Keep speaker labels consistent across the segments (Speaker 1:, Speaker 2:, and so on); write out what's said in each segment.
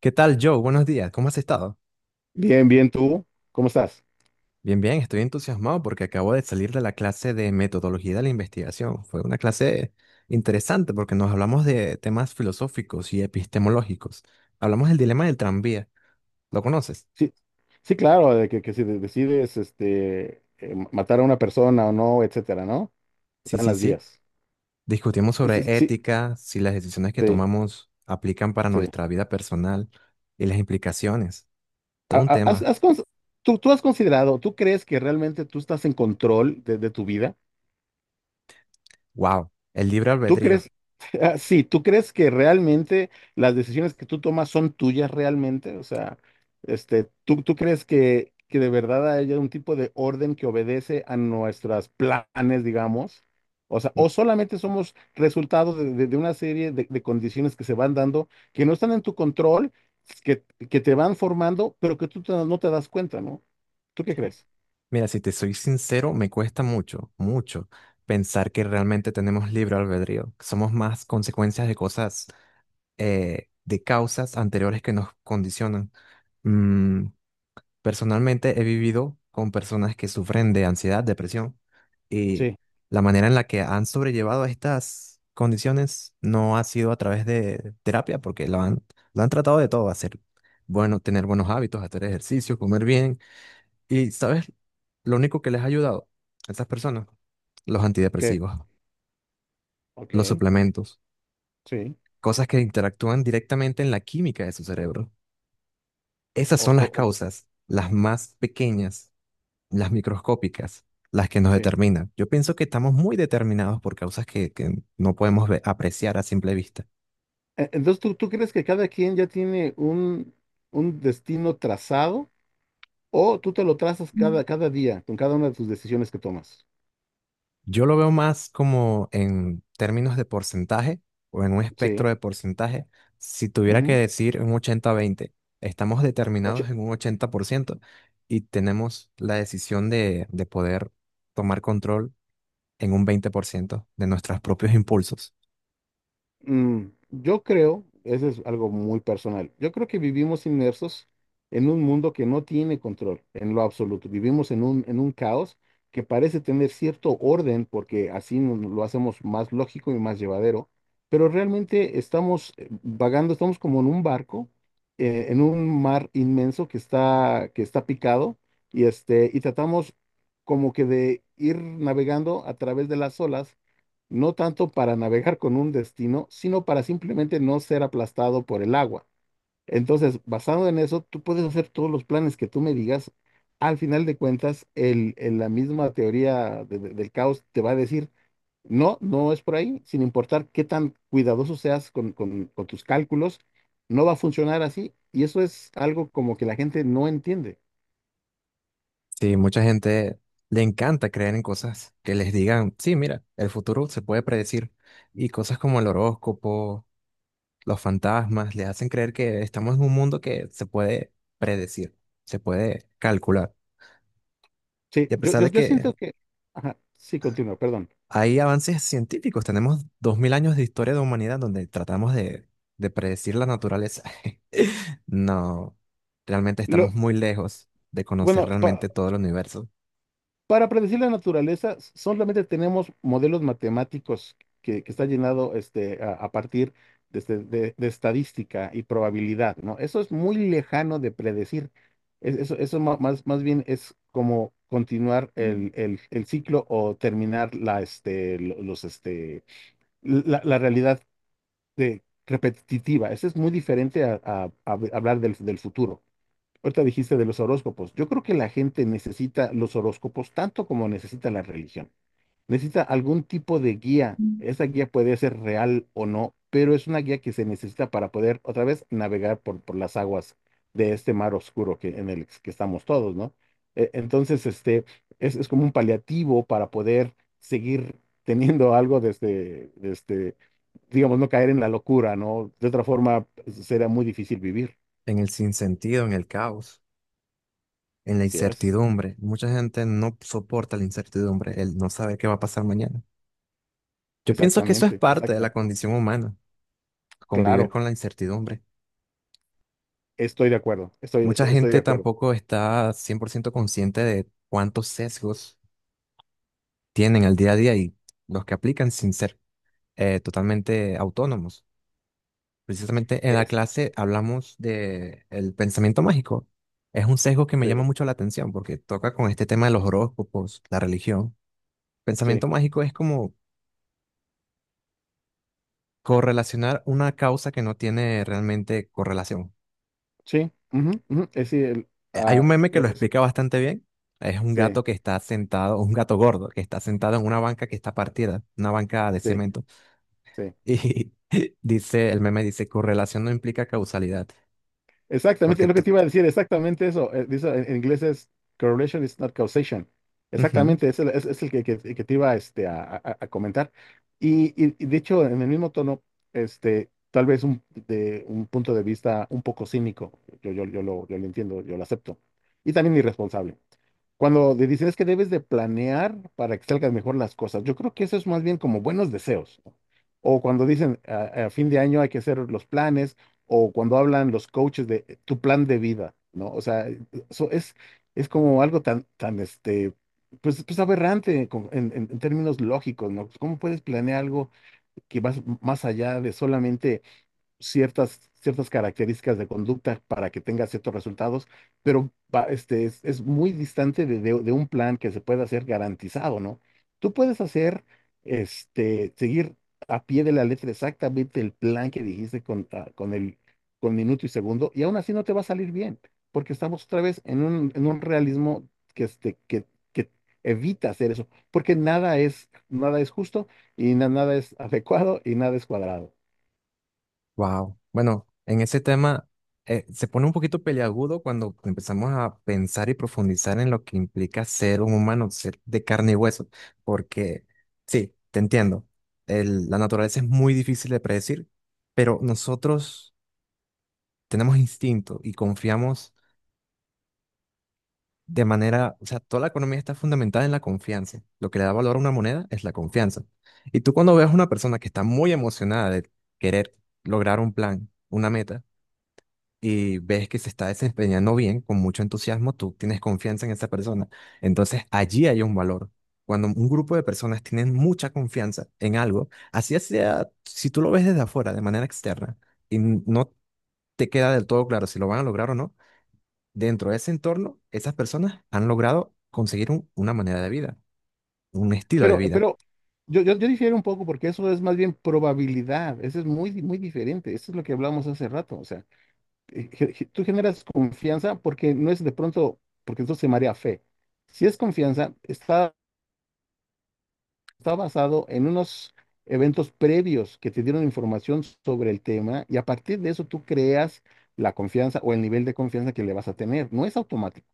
Speaker 1: ¿Qué tal, Joe? Buenos días. ¿Cómo has estado?
Speaker 2: Bien, bien, tú, ¿cómo estás?
Speaker 1: Bien, bien. Estoy entusiasmado porque acabo de salir de la clase de metodología de la investigación. Fue una clase interesante porque nos hablamos de temas filosóficos y epistemológicos. Hablamos del dilema del tranvía. ¿Lo conoces?
Speaker 2: Sí, sí, claro, de que si de- decides matar a una persona o no, etcétera, ¿no?
Speaker 1: Sí,
Speaker 2: Están
Speaker 1: sí,
Speaker 2: las
Speaker 1: sí.
Speaker 2: vías.
Speaker 1: Discutimos sobre
Speaker 2: Sí,
Speaker 1: ética, si las decisiones que
Speaker 2: sí,
Speaker 1: tomamos aplican para
Speaker 2: sí.
Speaker 1: nuestra vida personal y las implicaciones.
Speaker 2: Ha-
Speaker 1: Todo un
Speaker 2: ha- has-
Speaker 1: tema.
Speaker 2: has cons- ¿tú has considerado, tú crees que realmente tú estás en control de tu vida?
Speaker 1: ¡Wow! El libre
Speaker 2: ¿Tú
Speaker 1: albedrío.
Speaker 2: crees, ah, sí, tú crees que realmente las decisiones que tú tomas son tuyas realmente? O sea, ¿tú crees que de verdad haya un tipo de orden que obedece a nuestros planes, digamos? O sea, o solamente somos resultados de una serie de condiciones que se van dando, que no están en tu control, que, que te van formando, pero que no te das cuenta, ¿no? ¿Tú qué crees?
Speaker 1: Mira, si te soy sincero, me cuesta mucho, mucho pensar que realmente tenemos libre albedrío, que somos más consecuencias de cosas, de causas anteriores que nos condicionan. Mm, personalmente he vivido con personas que sufren de ansiedad, depresión, y
Speaker 2: Sí,
Speaker 1: la manera en la que han sobrellevado estas condiciones no ha sido a través de terapia, porque lo han tratado de todo, hacer bueno, tener buenos hábitos, hacer ejercicio, comer bien y, ¿sabes? Lo único que les ha ayudado a estas personas, los
Speaker 2: ¿qué?
Speaker 1: antidepresivos,
Speaker 2: Ok,
Speaker 1: los suplementos,
Speaker 2: sí,
Speaker 1: cosas que interactúan directamente en la química de su cerebro. Esas
Speaker 2: o,
Speaker 1: son
Speaker 2: o,
Speaker 1: las
Speaker 2: o-
Speaker 1: causas, las más pequeñas, las microscópicas, las que nos
Speaker 2: sí.
Speaker 1: determinan. Yo pienso que estamos muy determinados por causas que no podemos apreciar a simple vista.
Speaker 2: Entonces, ¿tú crees que cada quien ya tiene un destino trazado o tú te lo trazas cada día con cada una de tus decisiones que tomas?
Speaker 1: Yo lo veo más como en términos de porcentaje o en un
Speaker 2: Sí.
Speaker 1: espectro de porcentaje. Si tuviera que
Speaker 2: Ujú.
Speaker 1: decir un 80-20, estamos determinados en un 80% y tenemos la decisión de poder tomar control en un 20% de nuestros propios impulsos.
Speaker 2: Mm, yo creo, eso es algo muy personal. Yo creo que vivimos inmersos en un mundo que no tiene control en lo absoluto. Vivimos en un caos que parece tener cierto orden porque lo hacemos más lógico y más llevadero, pero realmente estamos vagando, estamos como en un barco, en un mar inmenso que está picado y y tratamos como que de ir navegando a través de las olas, no tanto para navegar con un destino, sino para simplemente no ser aplastado por el agua. Entonces, basado en eso, tú puedes hacer todos los planes que tú me digas. Al final de cuentas, la misma teoría del caos te va a decir no, no es por ahí, sin importar qué tan cuidadoso seas con tus cálculos, no va a funcionar así. Y eso es algo como que la gente no entiende.
Speaker 1: Sí, mucha gente le encanta creer en cosas que les digan, sí, mira, el futuro se puede predecir y cosas como el horóscopo, los fantasmas, les hacen creer que estamos en un mundo que se puede predecir, se puede calcular.
Speaker 2: Sí,
Speaker 1: Y a pesar de
Speaker 2: yo
Speaker 1: que
Speaker 2: siento que... Ajá, sí, continúa, perdón.
Speaker 1: hay avances científicos, tenemos 2000 años de historia de humanidad donde tratamos de predecir la naturaleza. No, realmente
Speaker 2: Lo,
Speaker 1: estamos muy lejos de conocer
Speaker 2: bueno, pa-
Speaker 1: realmente todo el universo,
Speaker 2: Para predecir la naturaleza solamente tenemos modelos matemáticos que está llenado a partir de, de estadística y probabilidad, ¿no? Eso es muy lejano de predecir. Eso más bien es como continuar el ciclo o terminar la, este, lo- los, este, la realidad repetitiva. Eso es muy diferente a, a hablar del del futuro. Ahorita dijiste de los horóscopos. Yo creo que la gente necesita los horóscopos tanto como necesita la religión. Necesita algún tipo de guía. Esa guía puede ser real o no, pero es una guía que se necesita para poder otra vez navegar por las aguas de este mar oscuro que, en el que estamos todos, ¿no? Entonces, es como un paliativo para poder seguir teniendo algo desde, digamos, no caer en la locura, ¿no? De otra forma, será muy difícil vivir.
Speaker 1: en el sinsentido, en el caos, en la
Speaker 2: Así es.
Speaker 1: incertidumbre. Mucha gente no soporta la incertidumbre, el no saber qué va a pasar mañana. Yo pienso que eso es
Speaker 2: Exactamente,
Speaker 1: parte de la
Speaker 2: exactamente.
Speaker 1: condición humana, convivir
Speaker 2: Claro,
Speaker 1: con la incertidumbre.
Speaker 2: estoy de acuerdo,
Speaker 1: Mucha
Speaker 2: estoy de
Speaker 1: gente
Speaker 2: acuerdo.
Speaker 1: tampoco está 100% consciente de cuántos sesgos tienen al día a día y los que aplican sin ser totalmente autónomos. Precisamente en la
Speaker 2: Es,
Speaker 1: clase hablamos de el pensamiento mágico. Es un sesgo que me llama
Speaker 2: sí,
Speaker 1: mucho la atención porque toca con este tema de los horóscopos, la religión.
Speaker 2: sí,
Speaker 1: Pensamiento mágico es como correlacionar una causa que no tiene realmente correlación.
Speaker 2: sí, ujú, ujú, es, sí, el,
Speaker 1: Hay
Speaker 2: ah,
Speaker 1: un meme que lo
Speaker 2: es-
Speaker 1: explica bastante bien. Es un
Speaker 2: Sí,
Speaker 1: gato que está sentado, un gato gordo, que está sentado en una banca que está partida, una banca de
Speaker 2: sí,
Speaker 1: cemento.
Speaker 2: sí.
Speaker 1: Y dice, el meme dice, correlación no implica causalidad,
Speaker 2: Exactamente,
Speaker 1: porque
Speaker 2: es lo que
Speaker 1: tú...
Speaker 2: te iba a decir, exactamente eso. Dice, en inglés es correlation is not causation. Exactamente, es es el que te iba a comentar. Y de hecho, en el mismo tono, tal vez de un punto de vista un poco cínico, yo lo entiendo, yo lo acepto, y también irresponsable. Cuando te dicen es que debes de planear para que salgan mejor las cosas, yo creo que eso es más bien como buenos deseos, ¿no? O cuando dicen a fin de año hay que hacer los planes, o cuando hablan los coaches de tu plan de vida, ¿no? O sea, eso es como algo tan pues, pues aberrante en términos lógicos, ¿no? Pues, ¿cómo puedes planear algo que va más allá de solamente ciertas características de conducta para que tenga ciertos resultados, pero es muy distante de, de un plan que se pueda hacer garantizado, ¿no? Tú puedes hacer, seguir a pie de la letra exactamente el plan que dijiste con, con el con minuto y segundo, y aún así no te va a salir bien, porque estamos otra vez en un realismo que que evita hacer eso, porque nada es, nada es justo y nada es adecuado y nada es cuadrado.
Speaker 1: Wow. Bueno, en ese tema se pone un poquito peliagudo cuando empezamos a pensar y profundizar en lo que implica ser un humano, ser de carne y hueso, porque sí, te entiendo. El- la naturaleza es muy difícil de predecir, pero nosotros tenemos instinto y confiamos de manera, o sea, toda la economía está fundamentada en la confianza. Lo que le da valor a una moneda es la confianza. Y tú cuando ves a una persona que está muy emocionada de querer lograr un plan, una meta, y ves que se está desempeñando bien, con mucho entusiasmo, tú tienes confianza en esa persona. Entonces, allí hay un valor. Cuando un grupo de personas tienen mucha confianza en algo, así sea, si tú lo ves desde afuera, de manera externa, y no te queda del todo claro si lo van a lograr o no, dentro de ese entorno, esas personas han logrado conseguir un- una manera de vida, un estilo de vida.
Speaker 2: Pero yo difiero un poco porque eso es más bien probabilidad, eso es muy diferente, eso es lo que hablábamos hace rato. O sea, tú generas confianza porque no es de pronto, porque entonces se marea fe. Si es confianza, está basado en unos eventos previos que te dieron información sobre el tema y a partir de eso tú creas la confianza o el nivel de confianza que le vas a tener, no es automático.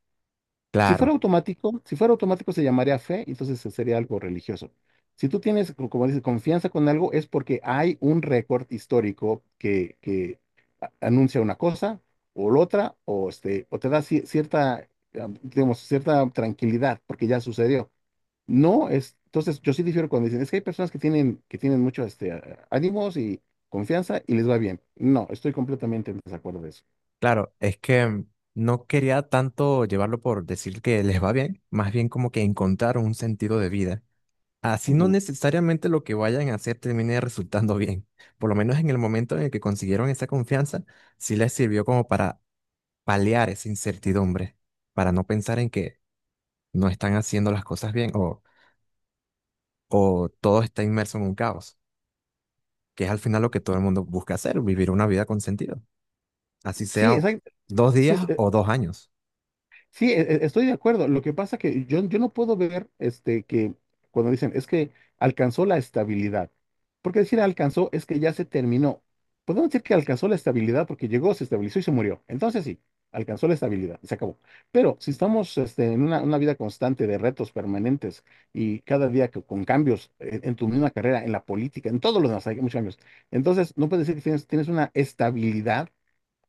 Speaker 1: Claro,
Speaker 2: Si fuera automático se llamaría fe, y entonces sería algo religioso. Si tú tienes, como dices, confianza con algo, es porque hay un récord histórico que anuncia una cosa o la otra, o, este, o te da cierta, ah, digamos, cierta tranquilidad porque ya sucedió. No es, entonces yo sí difiero cuando dicen es que hay personas que tienen mucho ánimos y confianza y les va bien. No, estoy completamente en desacuerdo de eso.
Speaker 1: claro, es que no quería tanto llevarlo por decir que les va bien, más bien como que encontrar un sentido de vida. Así no
Speaker 2: Ujú.
Speaker 1: necesariamente lo que vayan a hacer termine resultando bien. Por lo menos en el momento en el que consiguieron esa confianza, sí les sirvió como para paliar esa incertidumbre, para no pensar en que no están haciendo las cosas bien o todo está inmerso en un caos, que es al final lo que todo el mundo busca hacer, vivir una vida con sentido, así
Speaker 2: Sí,
Speaker 1: sea
Speaker 2: exacto.
Speaker 1: 2 días o 2 años.
Speaker 2: Sí, estoy de acuerdo. Lo que pasa que yo no puedo ver que cuando dicen es que alcanzó la estabilidad. Porque decir alcanzó es que ya se terminó. Podemos decir que alcanzó la estabilidad porque llegó, se estabilizó y se murió. Entonces sí, alcanzó la estabilidad, se acabó. Pero si estamos en una vida constante de retos permanentes y cada día con cambios tu misma carrera, en la política, en todos los demás, hay muchos cambios. Entonces no puedes decir que tienes, tienes una estabilidad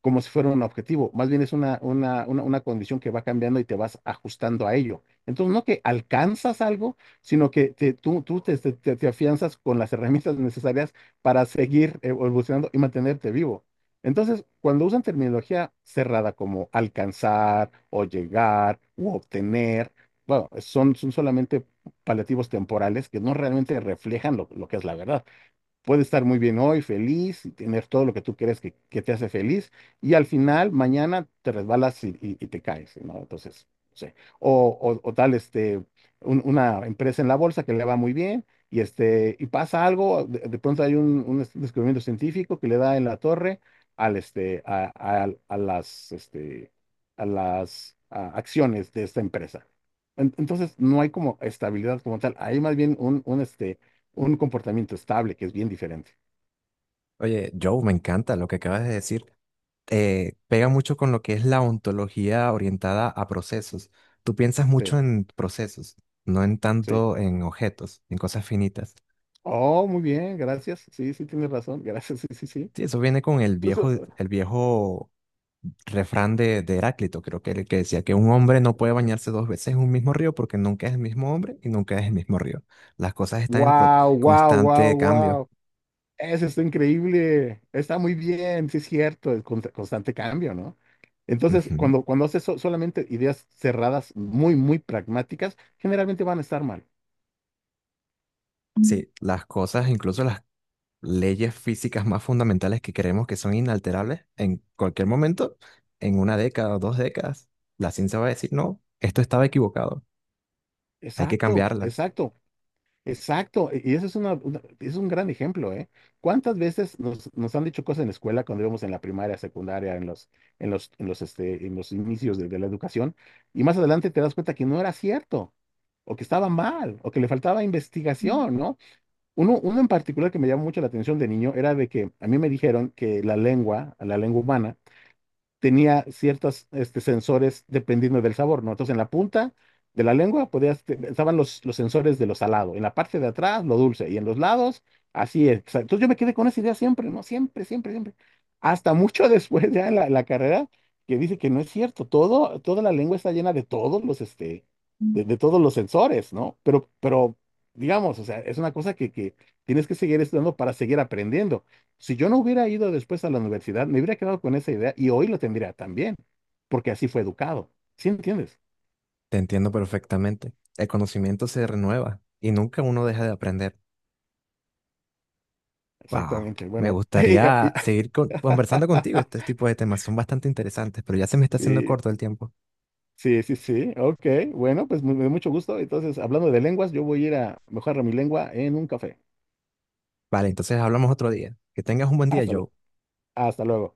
Speaker 2: como si fuera un objetivo, más bien es una, una condición que va cambiando y te vas ajustando a ello. Entonces, no que alcanzas algo, sino que tú te, te afianzas con las herramientas necesarias para seguir evolucionando y mantenerte vivo. Entonces, cuando usan terminología cerrada como alcanzar o llegar u obtener, bueno, son solamente paliativos temporales que no realmente reflejan lo que es la verdad. Puede estar muy bien hoy, feliz, y tener todo lo que tú crees que te hace feliz, y al final, mañana te resbalas y, y te caes, ¿no? Entonces, no sé. O tal, este, una empresa en la bolsa que le va muy bien, y, este, y pasa algo. De pronto hay un descubrimiento científico que le da en la torre al, a las, a las acciones de esta empresa. Entonces, no hay como estabilidad como tal, hay más bien un, un un comportamiento estable, que es bien diferente.
Speaker 1: Oye, Joe, me encanta lo que acabas de decir. Pega mucho con lo que es la ontología orientada a procesos. Tú piensas
Speaker 2: Sí,
Speaker 1: mucho en procesos, no en
Speaker 2: sí.
Speaker 1: tanto en objetos, en cosas finitas.
Speaker 2: Oh, muy bien, gracias. Sí, sí, tienes razón. Gracias, sí, sí, sí.
Speaker 1: Sí, eso viene con el viejo refrán de Heráclito, creo que era el que decía que un hombre no puede bañarse dos veces en un mismo río porque nunca es el mismo hombre y nunca es el mismo río. Las cosas están en
Speaker 2: Wow, wow, wow,
Speaker 1: constante cambio.
Speaker 2: wow. Eso está increíble. Está muy bien, sí es cierto, el constante cambio, ¿no? Entonces,
Speaker 1: Ujú.
Speaker 2: cuando, cuando haces solamente ideas cerradas, muy, muy pragmáticas, generalmente van a estar mal.
Speaker 1: Sí, las cosas, incluso las leyes físicas más fundamentales que creemos que son inalterables, en cualquier momento, en una década o 2 décadas, la ciencia va a decir, no, esto estaba equivocado, hay que
Speaker 2: Exacto,
Speaker 1: cambiarla.
Speaker 2: exacto. Exacto, y eso es una, es un gran ejemplo, ¿eh? ¿Cuántas veces nos, nos han dicho cosas en la escuela cuando íbamos en la primaria, secundaria, en los, en los inicios de la educación? Y más adelante te das cuenta que no era cierto, o que estaba mal, o que le faltaba investigación, ¿no? Uno en particular que me llamó mucho la atención de niño era de que a mí me dijeron que la lengua humana, tenía ciertos sensores dependiendo del sabor, ¿no? Entonces, en la punta de la lengua podías, estaban los sensores de lo salado, en la parte de atrás lo dulce y en los lados, así es. Entonces, yo me quedé con esa idea siempre, ¿no? Siempre, siempre, siempre. Hasta mucho después ya en la, la carrera, que dice que no es cierto. Todo, toda la lengua está llena de todos los,
Speaker 1: Mm.
Speaker 2: de todos los sensores, ¿no? Pero, digamos, o sea, es una cosa que tienes que seguir estudiando para seguir aprendiendo. Si yo no hubiera ido después a la universidad, me hubiera quedado con esa idea y hoy lo tendría también, porque así fue educado. ¿Sí entiendes?
Speaker 1: Te entiendo perfectamente. El conocimiento se renueva y nunca uno deja de aprender. Wow,
Speaker 2: Exactamente.
Speaker 1: me
Speaker 2: Bueno,
Speaker 1: gustaría seguir conversando contigo. Este tipo de temas son bastante interesantes, pero ya se me está haciendo
Speaker 2: sí,
Speaker 1: corto el tiempo.
Speaker 2: sí, sí, sí. Ok, bueno, pues me da mucho gusto. Entonces, hablando de lenguas, yo voy a ir a mejorar mi lengua en un café.
Speaker 1: Vale, entonces hablamos otro día. Que tengas un buen día,
Speaker 2: Hasta, lu-
Speaker 1: Joe.
Speaker 2: Hasta luego.